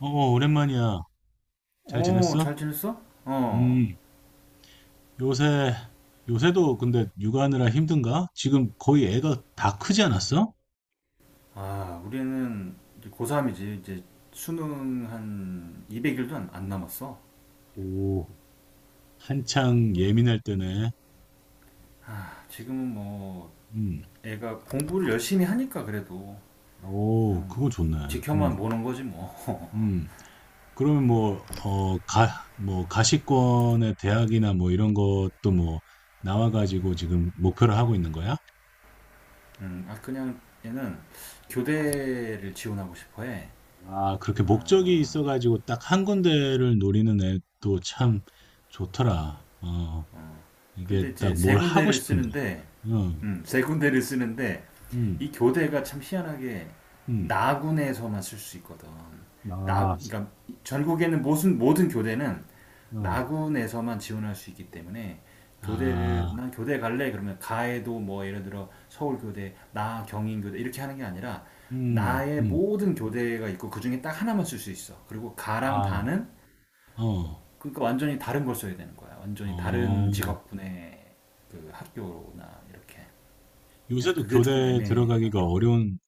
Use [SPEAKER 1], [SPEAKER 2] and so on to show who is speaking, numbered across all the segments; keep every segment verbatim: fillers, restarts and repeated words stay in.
[SPEAKER 1] 어, 어, 오랜만이야. 잘
[SPEAKER 2] 어,
[SPEAKER 1] 지냈어?
[SPEAKER 2] 잘 지냈어? 어.
[SPEAKER 1] 음, 요새, 요새도 근데 육아하느라 힘든가? 지금 거의 애가 다 크지 않았어?
[SPEAKER 2] 아, 우리는 이제 고삼이지. 이제 수능 한 이백 일도 안, 안 남았어.
[SPEAKER 1] 오, 한창 예민할 때네.
[SPEAKER 2] 아, 지금은 뭐
[SPEAKER 1] 음,
[SPEAKER 2] 애가 공부를 열심히 하니까 그래도
[SPEAKER 1] 오,
[SPEAKER 2] 그냥
[SPEAKER 1] 그거
[SPEAKER 2] 뭐
[SPEAKER 1] 좋네.
[SPEAKER 2] 지켜만
[SPEAKER 1] 음,
[SPEAKER 2] 보는 거지 뭐.
[SPEAKER 1] 음. 그러면 뭐, 어, 가, 뭐, 가시권의 대학이나 뭐 이런 것도 뭐, 나와가지고 지금 목표를 하고 있는 거야?
[SPEAKER 2] 음, 아 그냥 얘는 교대를 지원하고 싶어 해.
[SPEAKER 1] 아, 그렇게 목적이
[SPEAKER 2] 아,
[SPEAKER 1] 있어가지고 딱 한 군데를 노리는 애도 참 좋더라. 어, 이게
[SPEAKER 2] 근데 이제
[SPEAKER 1] 딱
[SPEAKER 2] 세
[SPEAKER 1] 뭘 하고
[SPEAKER 2] 군데를
[SPEAKER 1] 싶은 거.
[SPEAKER 2] 쓰는데,
[SPEAKER 1] 응,
[SPEAKER 2] 음, 세 군데를 쓰는데,
[SPEAKER 1] 응,
[SPEAKER 2] 이 교대가 참 희한하게
[SPEAKER 1] 응.
[SPEAKER 2] 나군에서만 쓸 수 있거든. 나,
[SPEAKER 1] 아,
[SPEAKER 2] 그러니까 전국에는 모든, 모든 교대는
[SPEAKER 1] 어,
[SPEAKER 2] 나군에서만 지원할 수 있기 때문에 교대를,
[SPEAKER 1] 아,
[SPEAKER 2] 난 교대 갈래? 그러면 가에도 뭐 예를 들어 서울교대, 나 경인교대 이렇게 하는 게 아니라
[SPEAKER 1] 음,
[SPEAKER 2] 나의
[SPEAKER 1] 음,
[SPEAKER 2] 모든 교대가 있고 그 중에 딱 하나만 쓸 수 있어. 그리고 가랑
[SPEAKER 1] 아,
[SPEAKER 2] 다는
[SPEAKER 1] 어,
[SPEAKER 2] 그러니까 완전히 다른 걸 써야 되는 거야. 완전히 다른
[SPEAKER 1] 어.
[SPEAKER 2] 직업군의 그 학교나 이렇게. 그래서
[SPEAKER 1] 요새도
[SPEAKER 2] 그게 조금
[SPEAKER 1] 교대 들어가기가
[SPEAKER 2] 애매하더라고.
[SPEAKER 1] 어려운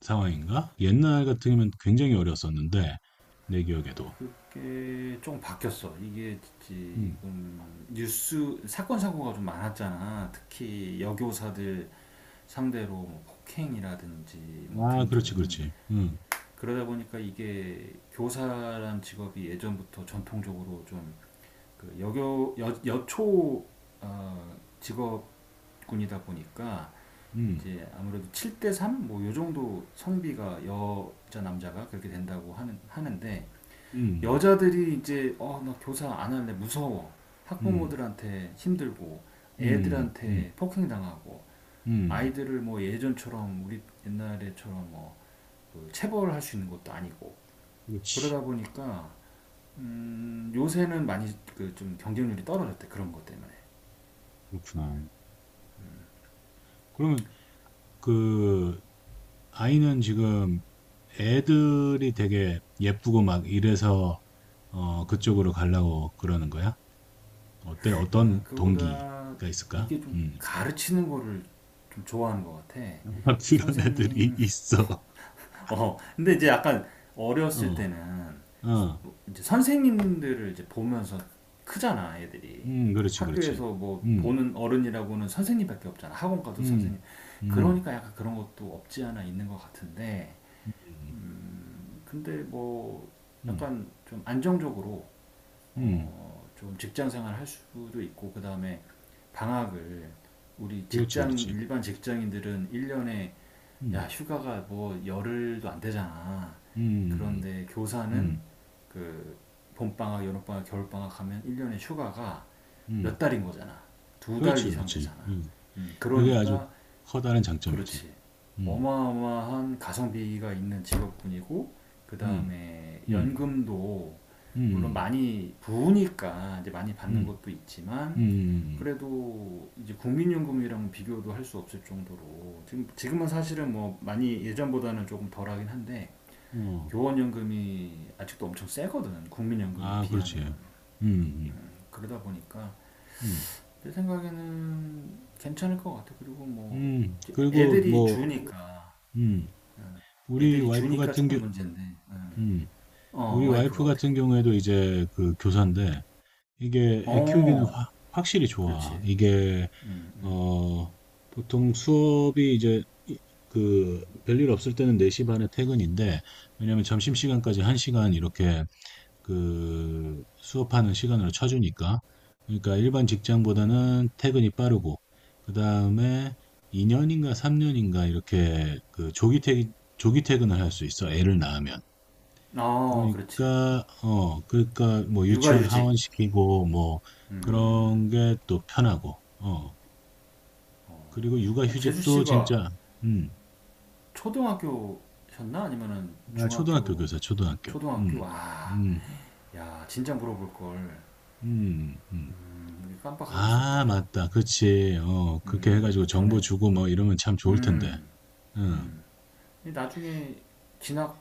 [SPEAKER 1] 상황인가? 옛날 같으면 굉장히 어려웠었는데, 내 기억에도.
[SPEAKER 2] 그게 조금 바뀌었어. 이게
[SPEAKER 1] 음.
[SPEAKER 2] 지금 뉴스 사건 사고가 좀 많았잖아. 특히 여교사들 상대로 뭐 폭행이라든지 뭐
[SPEAKER 1] 아, 그렇지,
[SPEAKER 2] 등등.
[SPEAKER 1] 그렇지. 음,
[SPEAKER 2] 그러다 보니까 이게 교사란 직업이 예전부터 전통적으로 좀 그 여교 여, 여초 어, 직업 군이다 보니까
[SPEAKER 1] 음,
[SPEAKER 2] 이제 아무래도 칠 대 삼 뭐 요 정도 성비가 여자 남자가 그렇게 된다고 하는 하는데
[SPEAKER 1] 음,
[SPEAKER 2] 여자들이 이제 어 나 교사 안 할래 무서워
[SPEAKER 1] 음,
[SPEAKER 2] 학부모들한테 힘들고
[SPEAKER 1] 음, 음,
[SPEAKER 2] 애들한테 폭행 당하고
[SPEAKER 1] 음.
[SPEAKER 2] 아이들을 뭐 예전처럼 우리 옛날에처럼 뭐그 체벌할 수 있는 것도 아니고
[SPEAKER 1] 그렇지.
[SPEAKER 2] 그러다 보니까 음 요새는 많이 그 좀 경쟁률이 떨어졌대 그런 것 때문에
[SPEAKER 1] 그렇구나. 그러면 그 아이는 지금 애들이 되게 예쁘고 막 이래서 어, 그쪽으로 가려고 그러는 거야? 어때? 어떤
[SPEAKER 2] 아, 그거보다
[SPEAKER 1] 동기가 있을까?
[SPEAKER 2] 이게 좀
[SPEAKER 1] 음.
[SPEAKER 2] 가르치는 거를 좀 좋아하는 것 같아.
[SPEAKER 1] 그런 애들이
[SPEAKER 2] 선생님,
[SPEAKER 1] 있어.
[SPEAKER 2] 어, 근데 이제 약간 어렸을
[SPEAKER 1] 어,
[SPEAKER 2] 때는
[SPEAKER 1] 어,
[SPEAKER 2] 이제 선생님들을 이제 보면서 크잖아, 애들이.
[SPEAKER 1] 음, 그렇지, 그렇지.
[SPEAKER 2] 학교에서 뭐
[SPEAKER 1] 음,
[SPEAKER 2] 보는 어른이라고는 선생님밖에 없잖아. 학원 가도 선생님.
[SPEAKER 1] 음, 음,
[SPEAKER 2] 그러니까 약간 그런 것도 없지 않아 있는 것 같은데,
[SPEAKER 1] 음, 음,
[SPEAKER 2] 근데 뭐
[SPEAKER 1] 음,
[SPEAKER 2] 약간 좀 안정적으로
[SPEAKER 1] 음.
[SPEAKER 2] 어, 좀 직장 생활 할 수도 있고 그 다음에 방학을 우리
[SPEAKER 1] 그렇지,
[SPEAKER 2] 직장
[SPEAKER 1] 그렇지.
[SPEAKER 2] 일반 직장인들은 일 년에 야
[SPEAKER 1] 음,
[SPEAKER 2] 휴가가 뭐 열흘도 안 되잖아.
[SPEAKER 1] 음, 음,
[SPEAKER 2] 그런데 교사는
[SPEAKER 1] 음,
[SPEAKER 2] 그 봄방학, 여름방학, 겨울방학 하면 일 년에 휴가가 몇
[SPEAKER 1] 음.
[SPEAKER 2] 달인 거잖아. 두 달
[SPEAKER 1] 그렇지,
[SPEAKER 2] 이상
[SPEAKER 1] 그렇지.
[SPEAKER 2] 되잖아.
[SPEAKER 1] 음,
[SPEAKER 2] 음,
[SPEAKER 1] 그게 아주
[SPEAKER 2] 그러니까
[SPEAKER 1] 커다란 장점이지.
[SPEAKER 2] 그렇지.
[SPEAKER 1] 음,
[SPEAKER 2] 어마어마한 가성비가 있는 직업군이고 그
[SPEAKER 1] 음,
[SPEAKER 2] 다음에
[SPEAKER 1] 음,
[SPEAKER 2] 연금도
[SPEAKER 1] 음,
[SPEAKER 2] 물론
[SPEAKER 1] 음.
[SPEAKER 2] 많이 부으니까 이제 많이 받는
[SPEAKER 1] 음.
[SPEAKER 2] 것도
[SPEAKER 1] 음
[SPEAKER 2] 있지만
[SPEAKER 1] 음,
[SPEAKER 2] 그래도 이제 국민연금이랑 비교도 할 수 없을 정도로 지금 지금은 사실은 뭐 많이 예전보다는 조금 덜하긴 한데
[SPEAKER 1] 음. 어.
[SPEAKER 2] 교원연금이 아직도 엄청 세거든 국민연금에
[SPEAKER 1] 아 그렇지.
[SPEAKER 2] 비하면
[SPEAKER 1] 음. 음.
[SPEAKER 2] 그러다 보니까
[SPEAKER 1] 음.
[SPEAKER 2] 내 생각에는 괜찮을 것 같아 그리고 뭐
[SPEAKER 1] 음, 그리고
[SPEAKER 2] 애들이
[SPEAKER 1] 뭐
[SPEAKER 2] 주니까
[SPEAKER 1] 음. 우리
[SPEAKER 2] 애들이
[SPEAKER 1] 와이프
[SPEAKER 2] 주니까
[SPEAKER 1] 같은
[SPEAKER 2] 조금
[SPEAKER 1] 경우
[SPEAKER 2] 문제인데. 음.
[SPEAKER 1] 음.
[SPEAKER 2] 어,
[SPEAKER 1] 우리 와이프
[SPEAKER 2] 와이프가 어떻게?
[SPEAKER 1] 같은 경우에도 이제 그 교사인데 이게 애 키우기는
[SPEAKER 2] 어,
[SPEAKER 1] 확 확실히
[SPEAKER 2] 그렇지.
[SPEAKER 1] 좋아. 이게
[SPEAKER 2] 음, 음.
[SPEAKER 1] 어 보통 수업이 이제 이- 그 별일 없을 때는 네 시 반에 퇴근인데 왜냐면 점심시간까지 한 시간 이렇게 그 수업하는 시간으로 쳐주니까. 그러니까 일반 직장보다는 퇴근이 빠르고, 그 다음에 이 년인가 삼 년인가 이렇게 그 조기 퇴, 조기 퇴근을 할 수 있어. 애를 낳으면.
[SPEAKER 2] 아, 그렇지.
[SPEAKER 1] 그러니까, 어, 그러니까 뭐 유치원
[SPEAKER 2] 육아휴직.
[SPEAKER 1] 하원시키고 뭐 그런 게 또 편하고, 어. 그리고
[SPEAKER 2] 아, 재수
[SPEAKER 1] 육아휴직도
[SPEAKER 2] 씨가
[SPEAKER 1] 진짜, 음,
[SPEAKER 2] 초등학교셨나? 아니면은
[SPEAKER 1] 아, 초등학교
[SPEAKER 2] 중학교,
[SPEAKER 1] 교사, 초등학교. 음,
[SPEAKER 2] 초등학교? 아,
[SPEAKER 1] 음,
[SPEAKER 2] 야, 진짜 물어볼 걸.
[SPEAKER 1] 음, 음.
[SPEAKER 2] 음, 깜빡하고
[SPEAKER 1] 아,
[SPEAKER 2] 있었다.
[SPEAKER 1] 맞다. 그치. 어, 그렇게
[SPEAKER 2] 음,
[SPEAKER 1] 해가지고 정보
[SPEAKER 2] 전에.
[SPEAKER 1] 주고 뭐 이러면 참 좋을 텐데.
[SPEAKER 2] 음,
[SPEAKER 1] 응,
[SPEAKER 2] 나중에 진학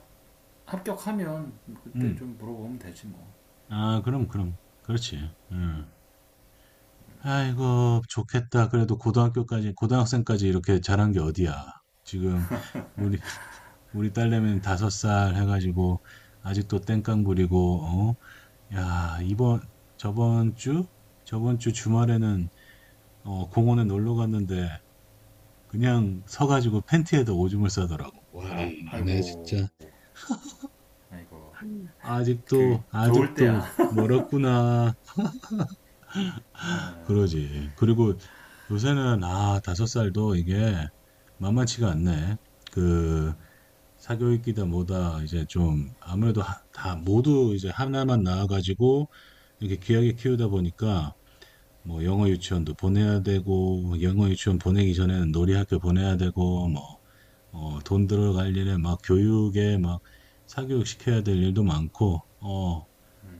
[SPEAKER 2] 합격하면 그때
[SPEAKER 1] 응.
[SPEAKER 2] 좀 물어보면 되지 뭐.
[SPEAKER 1] 아, 그럼, 그럼. 그렇지. 응. 아이고, 좋겠다. 그래도 고등학교까지, 고등학생까지 이렇게 잘한 게 어디야. 지금, 우리, 우리 딸내미는 다섯 살 해가지고, 아직도 땡깡 부리고, 어? 야,
[SPEAKER 2] 아이고,
[SPEAKER 1] 이번, 저번 주? 저번 주 주말에는, 어, 공원에 놀러 갔는데, 그냥 서가지고 팬티에다 오줌을 싸더라고. 와, 얘네
[SPEAKER 2] 아이고,
[SPEAKER 1] 진짜.
[SPEAKER 2] 아이고.
[SPEAKER 1] 음.
[SPEAKER 2] 그
[SPEAKER 1] 아직도,
[SPEAKER 2] 좋을
[SPEAKER 1] 아직도
[SPEAKER 2] 때야.
[SPEAKER 1] 멀었구나.
[SPEAKER 2] 아,
[SPEAKER 1] 그러지. 그리고 요새는, 아, 다섯 살도 이게 만만치가 않네. 그, 사교육이다 뭐다, 이제 좀, 아무래도 하- 다 모두 이제 하나만 나와가지고, 이렇게 귀하게 키우다 보니까, 뭐, 영어 유치원도 보내야 되고, 뭐 영어 유치원 보내기 전에는 놀이학교 보내야 되고, 뭐, 어, 돈 들어갈 일에 막 교육에 막 사교육 시켜야 될 일도 많고, 어,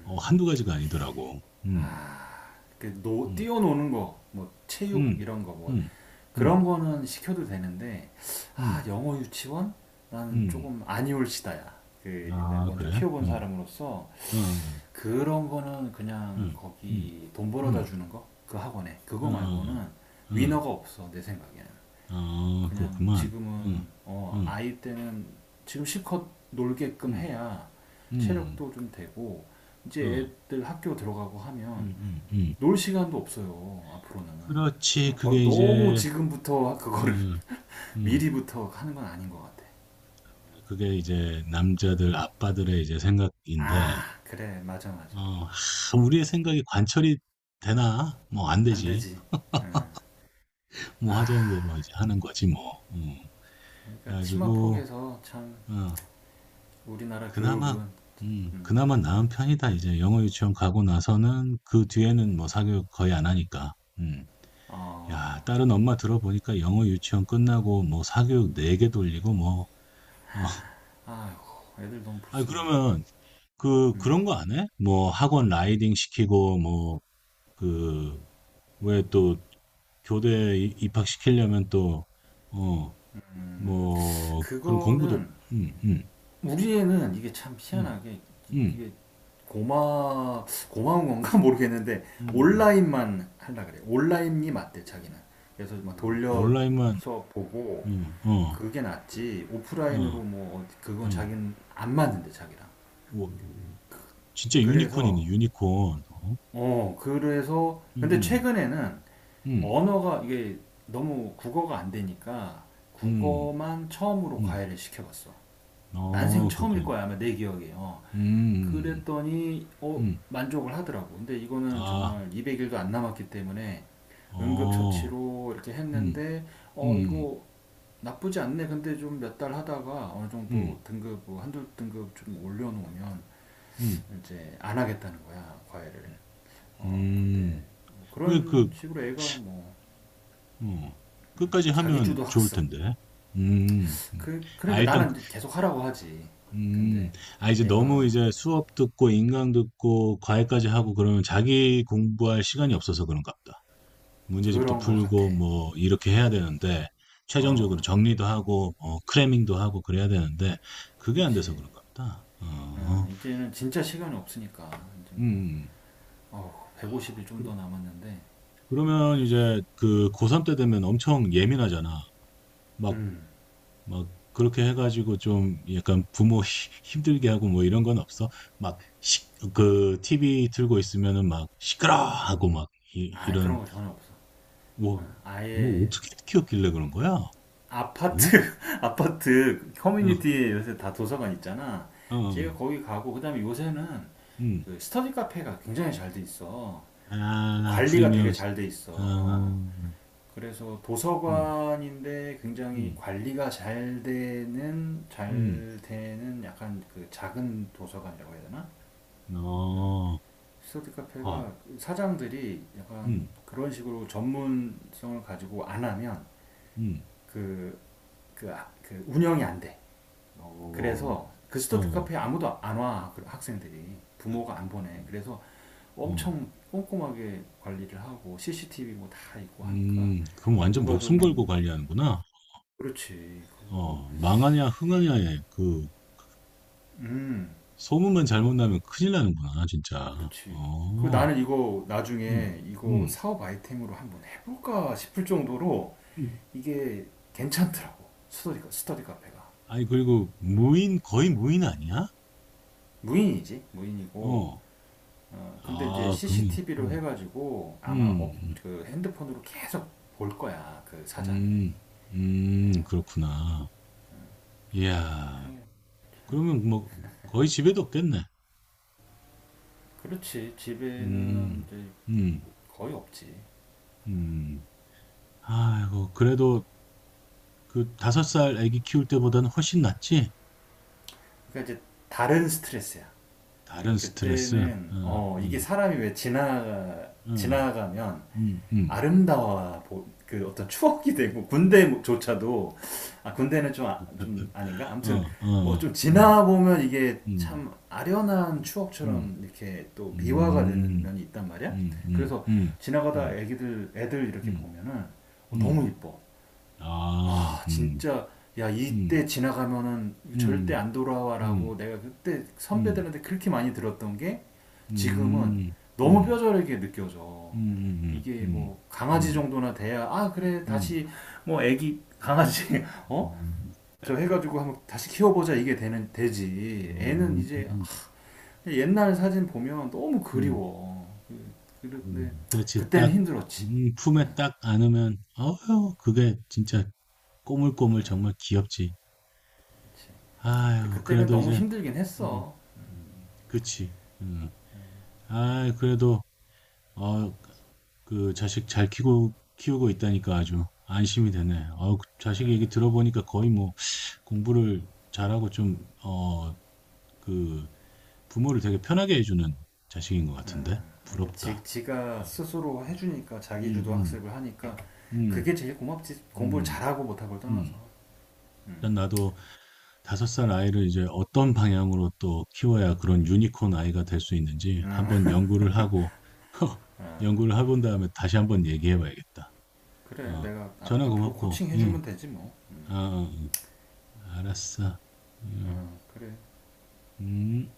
[SPEAKER 1] 어, 한두 가지가 아니더라고. 음,
[SPEAKER 2] 아, 그 노,
[SPEAKER 1] 음,
[SPEAKER 2] 뛰어노는 거, 뭐 체육
[SPEAKER 1] 음,
[SPEAKER 2] 이런 거, 뭐
[SPEAKER 1] 음, 음,
[SPEAKER 2] 그런 거는 시켜도 되는데
[SPEAKER 1] 음,
[SPEAKER 2] 아 영어 유치원 난
[SPEAKER 1] 음.
[SPEAKER 2] 조금 아니올시다야. 그 내가
[SPEAKER 1] 아,
[SPEAKER 2] 먼저
[SPEAKER 1] 그래?
[SPEAKER 2] 키워본
[SPEAKER 1] 음,
[SPEAKER 2] 사람으로서
[SPEAKER 1] 어,
[SPEAKER 2] 그런 거는 그냥
[SPEAKER 1] 음, 음,
[SPEAKER 2] 거기 돈 벌어다
[SPEAKER 1] 음,
[SPEAKER 2] 주는 거 그 학원에 그거
[SPEAKER 1] 어,
[SPEAKER 2] 말고는
[SPEAKER 1] 응,
[SPEAKER 2] 위너가 없어 내 생각에는
[SPEAKER 1] 아,
[SPEAKER 2] 그냥
[SPEAKER 1] 그렇구만. 응,
[SPEAKER 2] 지금은 어
[SPEAKER 1] 응,
[SPEAKER 2] 아이 때는 지금 실컷 놀게끔
[SPEAKER 1] 응,
[SPEAKER 2] 해야
[SPEAKER 1] 응,
[SPEAKER 2] 체력도 좀 되고 이제
[SPEAKER 1] 어,
[SPEAKER 2] 애들 학교 들어가고
[SPEAKER 1] 응,
[SPEAKER 2] 하면
[SPEAKER 1] 응, 응.
[SPEAKER 2] 놀 시간도 없어요. 앞으로는
[SPEAKER 1] 그렇지. 그게
[SPEAKER 2] 너무
[SPEAKER 1] 이제,
[SPEAKER 2] 지금부터 그거를
[SPEAKER 1] 음 음
[SPEAKER 2] 미리부터 하는 건 아닌 것 같아.
[SPEAKER 1] 그게 이제 남자들, 아빠들의 이제 생각인데,
[SPEAKER 2] 아 그래 맞아 맞아
[SPEAKER 1] 어, 하, 우리의 생각이 관철이 되나? 뭐, 안
[SPEAKER 2] 안
[SPEAKER 1] 되지.
[SPEAKER 2] 되지. 응.
[SPEAKER 1] 뭐 하자는 대로 이제 하는 거지 뭐. 음. 그래
[SPEAKER 2] 그러니까 치마
[SPEAKER 1] 가지고
[SPEAKER 2] 폭에서 참
[SPEAKER 1] 어
[SPEAKER 2] 우리나라
[SPEAKER 1] 그나마
[SPEAKER 2] 교육은
[SPEAKER 1] 음
[SPEAKER 2] 음,
[SPEAKER 1] 그나마 나은 편이다. 이제 영어 유치원 가고 나서는 그 뒤에는 뭐 사교육 거의 안 하니까. 음.
[SPEAKER 2] 어,
[SPEAKER 1] 야, 다른 엄마 들어보니까 영어 유치원 끝나고 뭐 사교육 네 개 돌리고 뭐 어.
[SPEAKER 2] 아휴 애들 너무
[SPEAKER 1] 아
[SPEAKER 2] 불쌍해.
[SPEAKER 1] 그러면 그
[SPEAKER 2] 응.
[SPEAKER 1] 그런 거 안 해? 뭐 학원 라이딩 시키고 뭐 그 왜 또 교대 이- 입학시키려면 또 어
[SPEAKER 2] 음,
[SPEAKER 1] 뭐 그런 공부도
[SPEAKER 2] 그거는
[SPEAKER 1] 음, 음,
[SPEAKER 2] 우리 애는 이게 참
[SPEAKER 1] 음.
[SPEAKER 2] 희한하게 이-
[SPEAKER 1] 응,
[SPEAKER 2] 게 고마 고마운 건가 모르겠는데
[SPEAKER 1] 응, 응,
[SPEAKER 2] 온라인만 하려 그래. 온라인이 맞대 자기는. 그래서 막
[SPEAKER 1] 응.
[SPEAKER 2] 돌려서
[SPEAKER 1] 온라인만,
[SPEAKER 2] 보고
[SPEAKER 1] 음, 어,
[SPEAKER 2] 그게 낫지 오프라인으로
[SPEAKER 1] 어,
[SPEAKER 2] 뭐 그건
[SPEAKER 1] 어,
[SPEAKER 2] 자기는 안 맞는데 자기랑.
[SPEAKER 1] 오, 진짜 유니콘이네,
[SPEAKER 2] 그래서
[SPEAKER 1] 유니콘. 어?
[SPEAKER 2] 어 그래서
[SPEAKER 1] 응,
[SPEAKER 2] 근데
[SPEAKER 1] 응,
[SPEAKER 2] 최근에는
[SPEAKER 1] 응,
[SPEAKER 2] 언어가 이게 너무 국어가 안 되니까 국어만 처음으로
[SPEAKER 1] 응.
[SPEAKER 2] 과외를 시켜봤어.
[SPEAKER 1] 응.
[SPEAKER 2] 난생
[SPEAKER 1] 어,
[SPEAKER 2] 처음일
[SPEAKER 1] 그렇군요.
[SPEAKER 2] 거야 아마 내 기억에. 어.
[SPEAKER 1] 음,
[SPEAKER 2] 그랬더니 어
[SPEAKER 1] 음,
[SPEAKER 2] 만족을 하더라고. 근데 이거는
[SPEAKER 1] 아,
[SPEAKER 2] 정말 이백 일도 안 남았기 때문에
[SPEAKER 1] 어,
[SPEAKER 2] 응급처치로 이렇게
[SPEAKER 1] 음,
[SPEAKER 2] 했는데 어
[SPEAKER 1] 음,
[SPEAKER 2] 이거 나쁘지 않네. 근데 좀 몇 달 하다가 어느
[SPEAKER 1] 음,
[SPEAKER 2] 정도 등급 뭐 한두 등급 좀 올려놓으면
[SPEAKER 1] 음,
[SPEAKER 2] 이제 안 하겠다는 거야 과외를. 어 근데
[SPEAKER 1] 음.
[SPEAKER 2] 뭐
[SPEAKER 1] 왜 그,
[SPEAKER 2] 그런 식으로 애가 뭐
[SPEAKER 1] 어, 끝까지 하면
[SPEAKER 2] 자기주도
[SPEAKER 1] 좋을
[SPEAKER 2] 학습.
[SPEAKER 1] 텐데. 음, 음.
[SPEAKER 2] 그
[SPEAKER 1] 아,
[SPEAKER 2] 그러니까
[SPEAKER 1] 일단
[SPEAKER 2] 나는 계속 하라고 하지.
[SPEAKER 1] 음,
[SPEAKER 2] 근데
[SPEAKER 1] 아, 이제 너무
[SPEAKER 2] 애가
[SPEAKER 1] 이제 수업 듣고 인강 듣고 과외까지 하고 그러면 자기 공부할 시간이 없어서 그런가 보다. 문제집도
[SPEAKER 2] 그런 거 같아.
[SPEAKER 1] 풀고 뭐 이렇게 해야 되는데
[SPEAKER 2] 어
[SPEAKER 1] 최종적으로 정리도 하고 어, 크래밍도 하고 그래야 되는데 그게 안 돼서
[SPEAKER 2] 그렇지.
[SPEAKER 1] 그런가 보다. 어,
[SPEAKER 2] 음, 이제는 진짜 시간이 없으니까 이제 뭐
[SPEAKER 1] 음.
[SPEAKER 2] 어,
[SPEAKER 1] 아,
[SPEAKER 2] 백오십 일 좀
[SPEAKER 1] 그,
[SPEAKER 2] 더 남았는데
[SPEAKER 1] 그러면 이제 그 고삼 때 되면 엄청 예민하잖아. 막
[SPEAKER 2] 음,
[SPEAKER 1] 막 그렇게 해가지고 좀 약간 부모 힘들게 하고 뭐 이런 건 없어? 막 시, 그 티비 틀고 있으면은 막 시끄러 하고 막 이,
[SPEAKER 2] 아 그런
[SPEAKER 1] 이런
[SPEAKER 2] 거 전혀 없어.
[SPEAKER 1] 뭐,
[SPEAKER 2] 어,
[SPEAKER 1] 뭐
[SPEAKER 2] 아예
[SPEAKER 1] 어떻게 키웠길래 그런 거야? 어?
[SPEAKER 2] 아파트 아파트
[SPEAKER 1] 어,
[SPEAKER 2] 커뮤니티에 요새 다 도서관 있잖아.
[SPEAKER 1] 어,
[SPEAKER 2] 제가
[SPEAKER 1] 어.
[SPEAKER 2] 거기 가고 그다음에 요새는
[SPEAKER 1] 음,
[SPEAKER 2] 그 스터디 카페가 굉장히 잘 돼 있어. 그
[SPEAKER 1] 아
[SPEAKER 2] 관리가
[SPEAKER 1] 프리미엄,
[SPEAKER 2] 되게
[SPEAKER 1] 스-
[SPEAKER 2] 잘 돼 있어.
[SPEAKER 1] 아,
[SPEAKER 2] 어.
[SPEAKER 1] 음,
[SPEAKER 2] 그래서
[SPEAKER 1] 음,
[SPEAKER 2] 도서관인데 굉장히
[SPEAKER 1] 음,
[SPEAKER 2] 관리가 잘 되는
[SPEAKER 1] 음.
[SPEAKER 2] 잘 되는 약간 그 작은 도서관이라고 해야 되나?
[SPEAKER 1] 어,
[SPEAKER 2] 스터디 카페가
[SPEAKER 1] 아,
[SPEAKER 2] 사장들이 약간
[SPEAKER 1] 음,
[SPEAKER 2] 그런 식으로 전문성을 가지고 안 하면
[SPEAKER 1] 음,
[SPEAKER 2] 그, 그, 아- 그 운영이 안 돼.
[SPEAKER 1] 어,
[SPEAKER 2] 그래서 그
[SPEAKER 1] 어,
[SPEAKER 2] 스터디
[SPEAKER 1] 음,
[SPEAKER 2] 카페에 아무도 안와 그 학생들이 부모가 안 보내.
[SPEAKER 1] 음.
[SPEAKER 2] 그래서
[SPEAKER 1] 어,
[SPEAKER 2] 엄청 꼼꼼하게 관리를 하고 씨씨티비 뭐 다 있고 하니까
[SPEAKER 1] 음, 그럼
[SPEAKER 2] 뭐
[SPEAKER 1] 완전
[SPEAKER 2] 누가 좀
[SPEAKER 1] 목숨 걸고 관리하는구나.
[SPEAKER 2] 그렇지 그거
[SPEAKER 1] 어, 망하냐, 흥하냐에 그
[SPEAKER 2] 음
[SPEAKER 1] 소문만
[SPEAKER 2] 어,
[SPEAKER 1] 잘못 나면 큰일 나는구나, 진짜.
[SPEAKER 2] 그렇지. 그
[SPEAKER 1] 어,
[SPEAKER 2] 나는 이거
[SPEAKER 1] 음,
[SPEAKER 2] 나중에 이거
[SPEAKER 1] 음.
[SPEAKER 2] 사업 아이템으로 한번 해볼까 싶을 정도로
[SPEAKER 1] 음.
[SPEAKER 2] 이게 괜찮더라고 스터디 스터디 카페가
[SPEAKER 1] 아니, 그리고 무인, 거의 무인 아니야?
[SPEAKER 2] 무인이지 무인이고
[SPEAKER 1] 어,
[SPEAKER 2] 어, 근데 이제
[SPEAKER 1] 아, 그러면,
[SPEAKER 2] 씨씨티비로
[SPEAKER 1] 음,
[SPEAKER 2] 해가지고 아마 업,
[SPEAKER 1] 음,
[SPEAKER 2] 그 핸드폰으로 계속 볼 거야 그 사장이
[SPEAKER 1] 음, 음, 음, 그렇구나. 이야,
[SPEAKER 2] 그렇게
[SPEAKER 1] 그러면 뭐, 거의 집에도 없겠네.
[SPEAKER 2] 그렇지 집에는
[SPEAKER 1] 음,
[SPEAKER 2] 이제
[SPEAKER 1] 음,
[SPEAKER 2] 거의 없지
[SPEAKER 1] 음. 아이고, 그래도 그 다섯 살 아기 키울 때보다는 훨씬 낫지?
[SPEAKER 2] 그러니까 이제 다른 스트레스야 예,
[SPEAKER 1] 다른 스트레스.
[SPEAKER 2] 그때는
[SPEAKER 1] 어,
[SPEAKER 2] 어 이게
[SPEAKER 1] 어.
[SPEAKER 2] 사람이 왜 지나
[SPEAKER 1] 응.
[SPEAKER 2] 지나가면
[SPEAKER 1] 음, 음.
[SPEAKER 2] 아름다워 그 어떤 추억이 되고 군대조차도 아 군대는 좀 아- 좀 아닌가?
[SPEAKER 1] 어,
[SPEAKER 2] 아무튼 뭐
[SPEAKER 1] 어,
[SPEAKER 2] 좀
[SPEAKER 1] 음,
[SPEAKER 2] 지나보면 이게
[SPEAKER 1] 음,
[SPEAKER 2] 참 아련한
[SPEAKER 1] 음,
[SPEAKER 2] 추억처럼 이렇게 또 미화가 되는
[SPEAKER 1] 음,
[SPEAKER 2] 면이 있단 말이야.
[SPEAKER 1] 음, 음,
[SPEAKER 2] 그래서
[SPEAKER 1] 음,
[SPEAKER 2] 지나가다
[SPEAKER 1] 음,
[SPEAKER 2] 애기들 애들 이렇게
[SPEAKER 1] 음,
[SPEAKER 2] 보면은 어, 너무
[SPEAKER 1] 음.
[SPEAKER 2] 이뻐.
[SPEAKER 1] 아,
[SPEAKER 2] 아
[SPEAKER 1] 음,
[SPEAKER 2] 진짜 야
[SPEAKER 1] 음,
[SPEAKER 2] 이때 지나가면은 절대
[SPEAKER 1] 음,
[SPEAKER 2] 안
[SPEAKER 1] 음,
[SPEAKER 2] 돌아와라고 내가 그때
[SPEAKER 1] 음,
[SPEAKER 2] 선배들한테 그렇게 많이 들었던 게 지금은
[SPEAKER 1] 음,
[SPEAKER 2] 너무
[SPEAKER 1] 음,
[SPEAKER 2] 뼈저리게 느껴져.
[SPEAKER 1] 음, 음,
[SPEAKER 2] 이게
[SPEAKER 1] 음,
[SPEAKER 2] 뭐 강아지
[SPEAKER 1] 음,
[SPEAKER 2] 정도나 돼야 아 그래
[SPEAKER 1] 음.
[SPEAKER 2] 다시 뭐 애기 강아지 어? 저 해가지고 한번 다시 키워보자 이게 되는 되지. 애는
[SPEAKER 1] 어,
[SPEAKER 2] 이제
[SPEAKER 1] 음,
[SPEAKER 2] 옛날 사진 보면 너무
[SPEAKER 1] 음,
[SPEAKER 2] 그리워. 그- 그런데
[SPEAKER 1] 음. 그렇지.
[SPEAKER 2] 그때는
[SPEAKER 1] 딱,
[SPEAKER 2] 힘들었지.
[SPEAKER 1] 음, 품에 딱 안으면, 어휴, 그게 진짜 꼬물꼬물 정말 귀엽지.
[SPEAKER 2] 근데
[SPEAKER 1] 아유,
[SPEAKER 2] 그때는
[SPEAKER 1] 그래도
[SPEAKER 2] 너무
[SPEAKER 1] 이제
[SPEAKER 2] 힘들긴
[SPEAKER 1] 음.
[SPEAKER 2] 했어.
[SPEAKER 1] 음. 그치. 음. 아, 그래도 어, 그 자식 잘 키고 키우고 있다니까 아주 안심이 되네. 어, 그 자식 얘기 들어보니까 거의 뭐 공부를 잘하고 좀 어, 그 부모를 되게 편하게 해주는 자식인 것 같은데
[SPEAKER 2] 아 그러니까 지,
[SPEAKER 1] 부럽다.
[SPEAKER 2] 지가
[SPEAKER 1] 어.
[SPEAKER 2] 스스로 해주니까
[SPEAKER 1] 음,
[SPEAKER 2] 자기주도
[SPEAKER 1] 음,
[SPEAKER 2] 학습을 하니까 그게
[SPEAKER 1] 음,
[SPEAKER 2] 제일 고맙지 공부를
[SPEAKER 1] 음,
[SPEAKER 2] 잘하고 못하고를 떠나서
[SPEAKER 1] 음. 일단 나도 다섯 살 아이를 이제 어떤 방향으로 또 키워야 그런 유니콘 아이가 될 수 있는지 한번 연구를 하고 연구를 해본 다음에 다시 한번 얘기해 봐야겠다.
[SPEAKER 2] 그래
[SPEAKER 1] 어,
[SPEAKER 2] 내가 앞-
[SPEAKER 1] 전화
[SPEAKER 2] 앞으로
[SPEAKER 1] 고맙고,
[SPEAKER 2] 코칭
[SPEAKER 1] 응,
[SPEAKER 2] 해주면 되지 뭐
[SPEAKER 1] 아, 응, 알았어. 응
[SPEAKER 2] 어, 그래
[SPEAKER 1] 음.